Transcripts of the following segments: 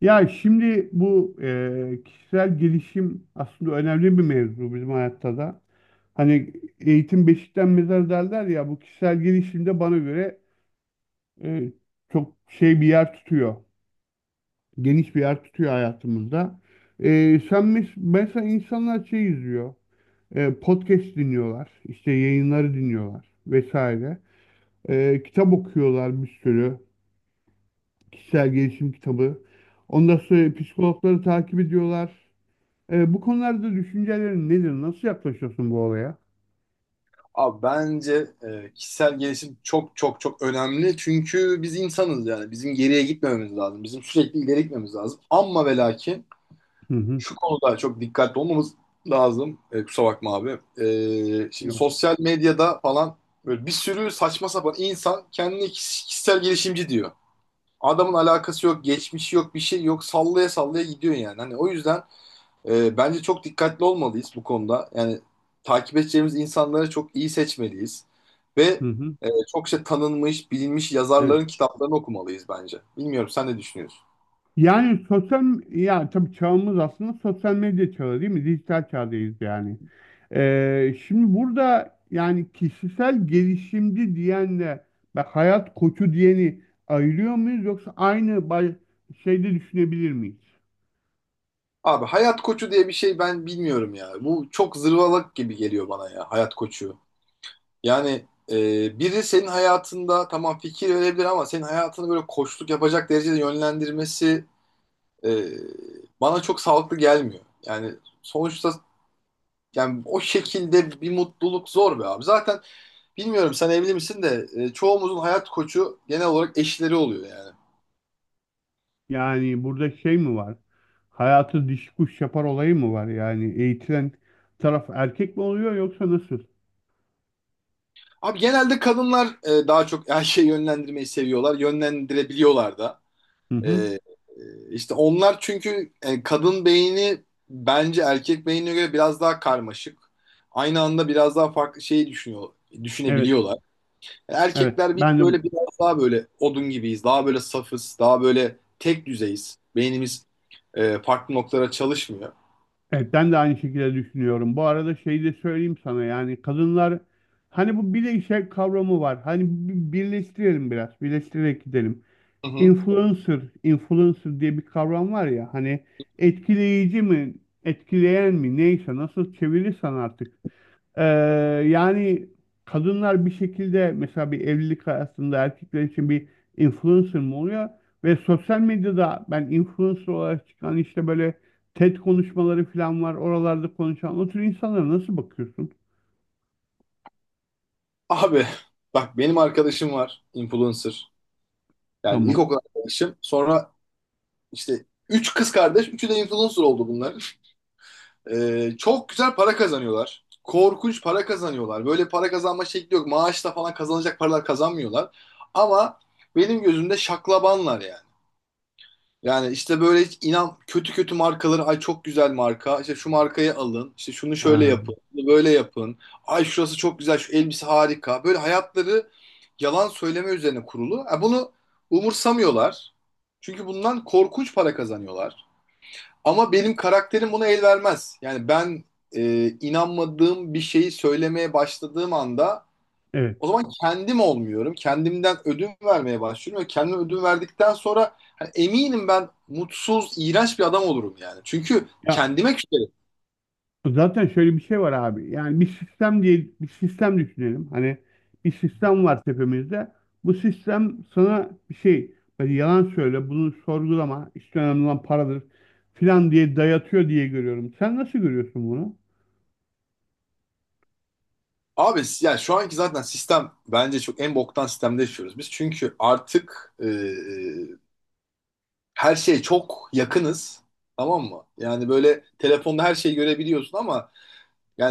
Ya şimdi bu kişisel gelişim aslında önemli bir mevzu bizim hayatta da. Hani eğitim beşikten mezar derler ya bu kişisel gelişim de bana göre e, çok şey bir yer tutuyor. Geniş bir yer tutuyor hayatımızda. Sen mesela insanlar şey izliyor. Podcast dinliyorlar, işte yayınları dinliyorlar vesaire. Kitap okuyorlar bir sürü. Kişisel gelişim kitabı. Ondan sonra psikologları takip ediyorlar. Bu konularda düşüncelerin nedir? Nasıl yaklaşıyorsun bu olaya? Abi bence kişisel gelişim çok çok çok önemli. Çünkü biz insanız yani. Bizim geriye gitmememiz lazım. Bizim sürekli ileri gitmemiz lazım. Ama ve lakin Hı hı. şu konuda çok dikkatli olmamız lazım. Kusura bakma abi. Şimdi Yok. sosyal medyada falan böyle bir sürü saçma sapan insan kendini kişisel gelişimci diyor. Adamın alakası yok, geçmişi yok, bir şey yok. Sallaya sallaya gidiyor yani. Hani o yüzden bence çok dikkatli olmalıyız bu konuda. Yani takip edeceğimiz insanları çok iyi seçmeliyiz. Ve Hı hı. Çokça tanınmış, bilinmiş Evet. yazarların kitaplarını okumalıyız bence. Bilmiyorum sen ne düşünüyorsun? Yani ya tabii çağımız aslında sosyal medya çağı değil mi? Dijital çağdayız yani. Şimdi burada yani kişisel gelişimci diyenle ve hayat koçu diyeni ayırıyor muyuz yoksa aynı şeyde düşünebilir miyiz? Abi hayat koçu diye bir şey ben bilmiyorum ya. Bu çok zırvalık gibi geliyor bana ya hayat koçu. Yani biri senin hayatında tamam fikir verebilir ama senin hayatını böyle koçluk yapacak derecede yönlendirmesi e, bana çok sağlıklı gelmiyor. Yani sonuçta yani o şekilde bir mutluluk zor be abi. Zaten bilmiyorum sen evli misin de çoğumuzun hayat koçu genel olarak eşleri oluyor yani. Yani burada şey mi var? Hayatı diş kuş yapar olayı mı var? Yani eğitilen taraf erkek mi oluyor yoksa nasıl? Abi genelde kadınlar daha çok her şeyi yönlendirmeyi seviyorlar. Yönlendirebiliyorlar da. Hı E, hı. e, işte onlar çünkü kadın beyni bence erkek beynine göre biraz daha karmaşık. Aynı anda biraz daha farklı şeyi düşünüyor, Evet, düşünebiliyorlar. evet. Erkekler biz Ben de böyle biraz daha böyle odun gibiyiz. Daha böyle safız. Daha böyle tek düzeyiz. Beynimiz farklı noktalara çalışmıyor. evet, ben de aynı şekilde düşünüyorum. Bu arada şeyi de söyleyeyim sana yani kadınlar hani bu bir de işe kavramı var. Hani birleştirelim biraz, birleştirerek gidelim. Hı hı. Influencer diye bir kavram var ya hani, etkileyici mi, etkileyen mi neyse nasıl çevirirsen artık. Ee, Yani kadınlar bir şekilde mesela bir evlilik hayatında erkekler için bir influencer mı oluyor? Ve sosyal medyada ben influencer olarak çıkan işte böyle TED konuşmaları falan var. Oralarda konuşan o tür insanlara nasıl bakıyorsun? Abi bak benim arkadaşım var. Influencer. Yani Tamam. ilkokul arkadaşım. Sonra işte üç kız kardeş. Üçü de influencer oldu bunların. Çok güzel para kazanıyorlar. Korkunç para kazanıyorlar. Böyle para kazanma şekli yok. Maaşla falan kazanacak paralar kazanmıyorlar. Ama benim gözümde şaklabanlar yani. Yani işte böyle hiç inan kötü kötü markaları ay çok güzel marka. İşte şu markayı alın. İşte şunu şöyle Ha, yapın. Bunu böyle yapın. Ay şurası çok güzel. Şu elbise harika. Böyle hayatları yalan söyleme üzerine kurulu. Ha, bunu umursamıyorlar. Çünkü bundan korkunç para kazanıyorlar. Ama benim karakterim buna el vermez. Yani ben inanmadığım bir şeyi söylemeye başladığım anda evet. o zaman kendim olmuyorum. Kendimden ödün vermeye başlıyorum ve kendime ödün verdikten sonra hani eminim ben mutsuz, iğrenç bir adam olurum yani. Çünkü Ya kendime küserim. zaten şöyle bir şey var abi. Yani bir sistem diye bir sistem düşünelim. Hani bir sistem var tepemizde. Bu sistem sana bir şey böyle yalan söyle, bunu sorgulama, işte önemli olan paradır filan diye dayatıyor diye görüyorum. Sen nasıl görüyorsun bunu? Abi yani şu anki zaten sistem bence çok en boktan sistemde yaşıyoruz biz. Çünkü artık her şeye çok yakınız. Tamam mı? Yani böyle telefonda her şeyi görebiliyorsun ama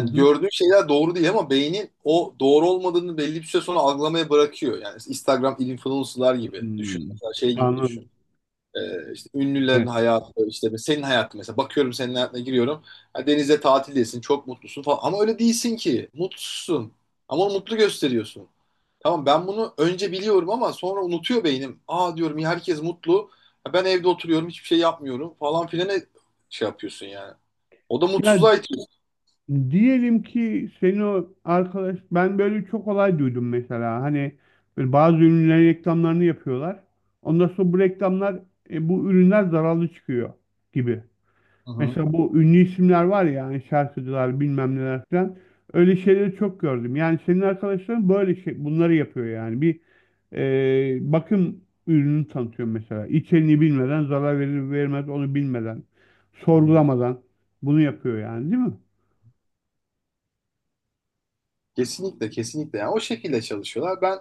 Hı hı. gördüğün şeyler doğru değil ama beynin o doğru olmadığını belli bir süre sonra algılamaya bırakıyor. Yani Instagram influencer'lar gibi düşün. Hmm, Mesela şey gibi düşün. anladım. İşte ünlülerin Evet. hayatı, işte senin hayatın mesela. Bakıyorum senin hayatına giriyorum. Ha, denize tatildesin, çok mutlusun falan. Ama öyle değilsin ki. Mutsuzsun. Ama onu mutlu gösteriyorsun. Tamam ben bunu önce biliyorum ama sonra unutuyor beynim. Aa diyorum ya herkes mutlu. Ha, ben evde oturuyorum, hiçbir şey yapmıyorum falan filan şey yapıyorsun yani. O da Ya mutsuzluğa itiyor. diyelim ki senin o arkadaş, ben böyle çok olay duydum mesela hani böyle bazı ürünlerin reklamlarını yapıyorlar. Ondan sonra bu reklamlar, bu ürünler zararlı çıkıyor gibi. Hı hı. Mesela bu ünlü isimler var ya hani, şarkıcılar bilmem neler falan, öyle şeyleri çok gördüm. Yani senin arkadaşların böyle şey bunları yapıyor yani bir bakım ürünü tanıtıyor mesela. İçeriğini bilmeden, zarar verir vermez onu bilmeden, Hı hı. sorgulamadan bunu yapıyor yani değil mi? Kesinlikle yani o şekilde çalışıyorlar. Ben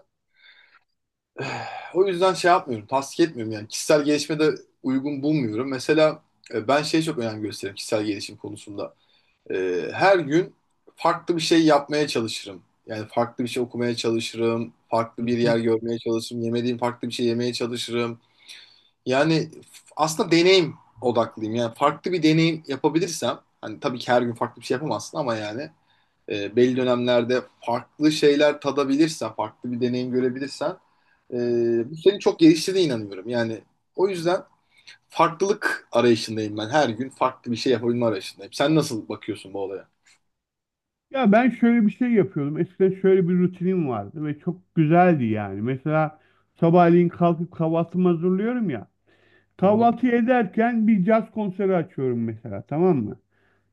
o yüzden şey yapmıyorum, tasdik etmiyorum yani kişisel gelişime de uygun bulmuyorum. Mesela ben şeye çok önem gösteririm kişisel gelişim konusunda. E, Her gün farklı bir şey yapmaya çalışırım. Yani farklı bir şey okumaya çalışırım, farklı bir Hı yer görmeye çalışırım, yemediğim farklı bir şey yemeye çalışırım. Yani aslında deneyim odaklıyım. Yani farklı bir deneyim yapabilirsem, hani tabii ki her gün farklı bir şey yapamazsın ama yani belli dönemlerde farklı şeyler tadabilirsen, farklı bir deneyim görebilirsen e, hı. bu seni çok geliştirdiğine inanıyorum. Yani o yüzden farklılık arayışındayım ben. Her gün farklı bir şey yapabilme arayışındayım. Sen nasıl bakıyorsun bu olaya? Ya ben şöyle bir şey yapıyordum. Eskiden şöyle bir rutinim vardı ve çok güzeldi yani. Mesela sabahleyin kalkıp kahvaltımı hazırlıyorum ya. Hı hı. Kahvaltı ederken bir caz konseri açıyorum mesela, tamam mı?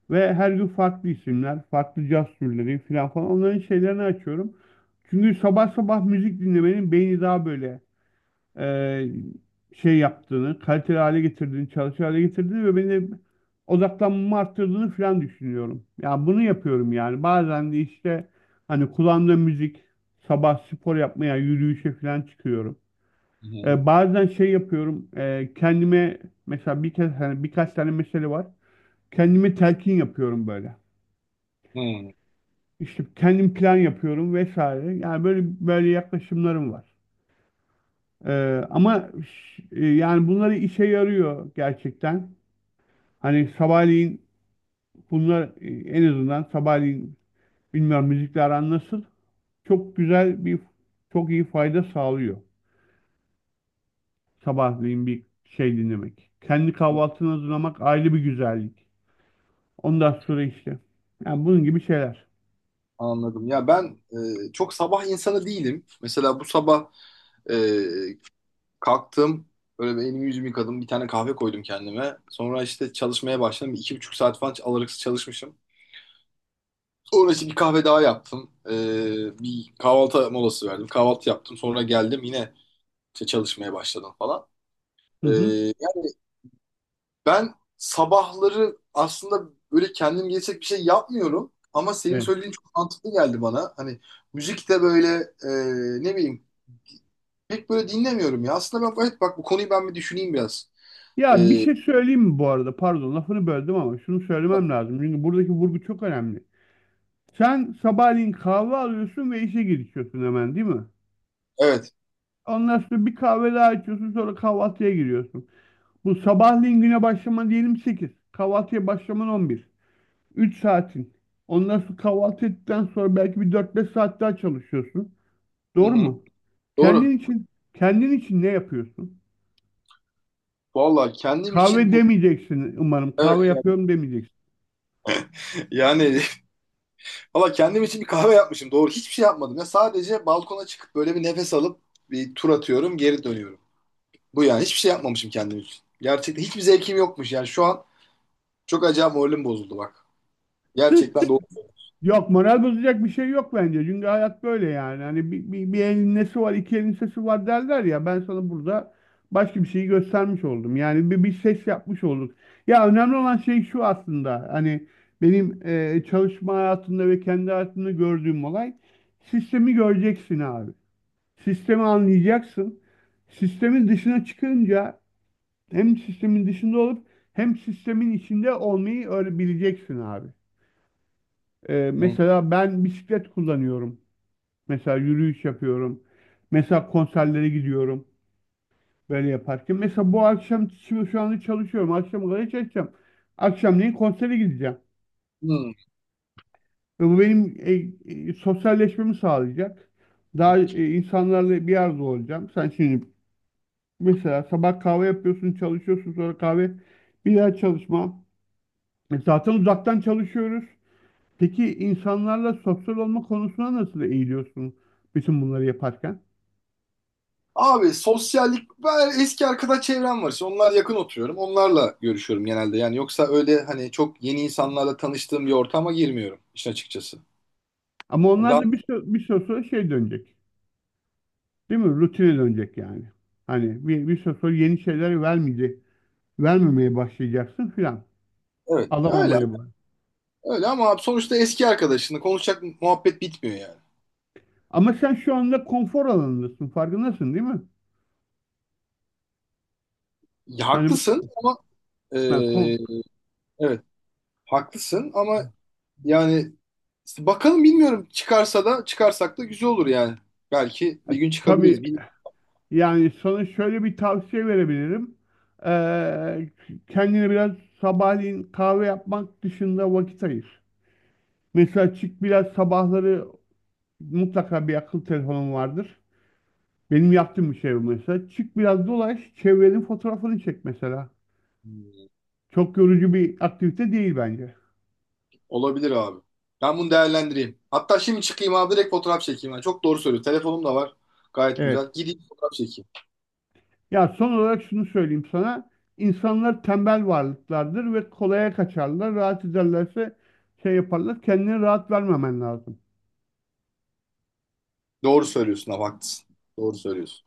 Ve her gün farklı isimler, farklı caz türleri falan falan, onların şeylerini açıyorum. Çünkü sabah sabah müzik dinlemenin beyni daha böyle e, şey yaptığını, kaliteli hale getirdiğini, çalışır hale getirdiğini ve beni odaklanmamı arttırdığını falan düşünüyorum. Ya bunu yapıyorum yani. Bazen de işte hani kulağımda müzik, sabah spor yapmaya, yürüyüşe falan çıkıyorum. Hı hı. Bazen şey yapıyorum, kendime mesela bir kez, hani birkaç tane mesele var. Kendime telkin yapıyorum böyle. Hı. İşte kendim plan yapıyorum vesaire. Yani böyle böyle yaklaşımlarım var. Ee, ama yani bunları işe yarıyor gerçekten. Hani sabahleyin bunlar, en azından sabahleyin, bilmiyorum müzikle aran nasıl. Çok güzel bir Çok iyi fayda sağlıyor. Sabahleyin bir şey dinlemek, kendi kahvaltını hazırlamak, ayrı bir güzellik. Ondan sonra işte. Yani bunun gibi şeyler. Anladım. Ya ben çok sabah insanı değilim. Mesela bu sabah e, kalktım, böyle bir elimi yüzümü yıkadım, bir tane kahve koydum kendime. Sonra işte çalışmaya başladım. Bir İki buçuk saat falan alırsız çalışmışım. Sonra işte bir kahve daha yaptım. Bir kahvaltı molası verdim. Kahvaltı yaptım. Sonra geldim yine işte çalışmaya başladım falan. Hı Ee, hı. Yani ben sabahları aslında böyle kendim gelecek bir şey yapmıyorum. Ama senin Evet. söylediğin çok mantıklı geldi bana. Hani müzik de böyle e, ne bileyim pek böyle dinlemiyorum ya. Aslında ben evet bak bu konuyu ben bir düşüneyim biraz. Ya bir Ee, şey söyleyeyim mi bu arada? Pardon lafını böldüm ama şunu söylemem lazım, çünkü buradaki vurgu çok önemli. Sen sabahleyin kahve alıyorsun ve işe girişiyorsun hemen değil mi? evet. Ondan sonra bir kahve daha içiyorsun, sonra kahvaltıya giriyorsun. Bu sabahleyin güne başlaman diyelim 8. Kahvaltıya başlaman 11. 3 saatin. Ondan sonra kahvaltı ettikten sonra belki bir 4-5 saat daha çalışıyorsun. Hı Doğru hı. mu? Kendin Doğru. için Kendin için ne yapıyorsun? Vallahi kendim Kahve için bu demeyeceksin umarım. Kahve evet. yapıyorum demeyeceksin. yani valla kendim için bir kahve yapmışım. Doğru hiçbir şey yapmadım. Ya sadece balkona çıkıp böyle bir nefes alıp bir tur atıyorum, geri dönüyorum. Bu yani hiçbir şey yapmamışım kendim için. Gerçekten hiçbir zevkim yokmuş. Yani şu an çok acayip moralim bozuldu bak. Gerçekten doğru. Yok, moral bozacak bir şey yok bence. Çünkü hayat böyle yani. Hani bir elin nesi var, iki elin sesi var derler ya. Ben sana burada başka bir şeyi göstermiş oldum. Yani bir ses yapmış olduk. Ya önemli olan şey şu aslında. Hani benim çalışma hayatımda ve kendi hayatımda gördüğüm olay, sistemi göreceksin abi. Sistemi anlayacaksın. Sistemin dışına çıkınca hem sistemin dışında olup hem sistemin içinde olmayı öğrenebileceksin abi. Hmm. Mesela ben bisiklet kullanıyorum. Mesela yürüyüş yapıyorum. Mesela konserlere gidiyorum. Böyle yaparken. Mesela bu akşam, şimdi şu anda çalışıyorum, akşam kadar çalışacağım. Akşamleyin konsere gideceğim. Hmm. Ve bu benim sosyalleşmemi sağlayacak. Daha insanlarla bir arada olacağım. Sen şimdi mesela sabah kahve yapıyorsun, çalışıyorsun, sonra kahve, bir daha çalışma. Zaten uzaktan çalışıyoruz. Peki insanlarla sosyal olma konusuna nasıl eğiliyorsun bütün bunları yaparken? Abi sosyallik, ben eski arkadaş çevrem var. İşte onlar yakın oturuyorum. Onlarla görüşüyorum genelde. Yani yoksa öyle hani çok yeni insanlarla tanıştığım bir ortama girmiyorum işin açıkçası. Ama onlar Daha, da bir süre sonra şey dönecek. Değil mi? Rutine dönecek yani. Hani bir süre sonra yeni şeyler vermeyecek. Vermemeye başlayacaksın filan. evet öyle Alamamaya bak. öyle ama abi sonuçta eski arkadaşınla konuşacak muhabbet bitmiyor yani. Ama sen şu anda konfor alanındasın. Farkındasın değil mi? Ya Hani bu haklısın ama e, ha, kon, evet haklısın ama yani işte bakalım bilmiyorum çıkarsa da çıkarsak da güzel olur yani. Belki ha, bir gün tabii, çıkabiliriz. Bil yani sana şöyle bir tavsiye verebilirim. Ee, Kendine biraz sabahleyin kahve yapmak dışında vakit ayır. Mesela çık biraz sabahları, mutlaka bir akıl telefonun vardır. Benim yaptığım bir şey bu mesela. Çık biraz dolaş, çevrenin fotoğrafını çek mesela. hmm, Çok yorucu bir aktivite değil bence. olabilir abi. Ben bunu değerlendireyim. Hatta şimdi çıkayım abi direkt fotoğraf çekeyim. Yani çok doğru söylüyorsun. Telefonum da var. Gayet Evet. güzel. Gideyim fotoğraf çekeyim. Ya son olarak şunu söyleyeyim sana. İnsanlar tembel varlıklardır ve kolaya kaçarlar. Rahat ederlerse şey yaparlar. Kendine rahat vermemen lazım. Doğru söylüyorsun abi haklısın. Doğru söylüyorsun.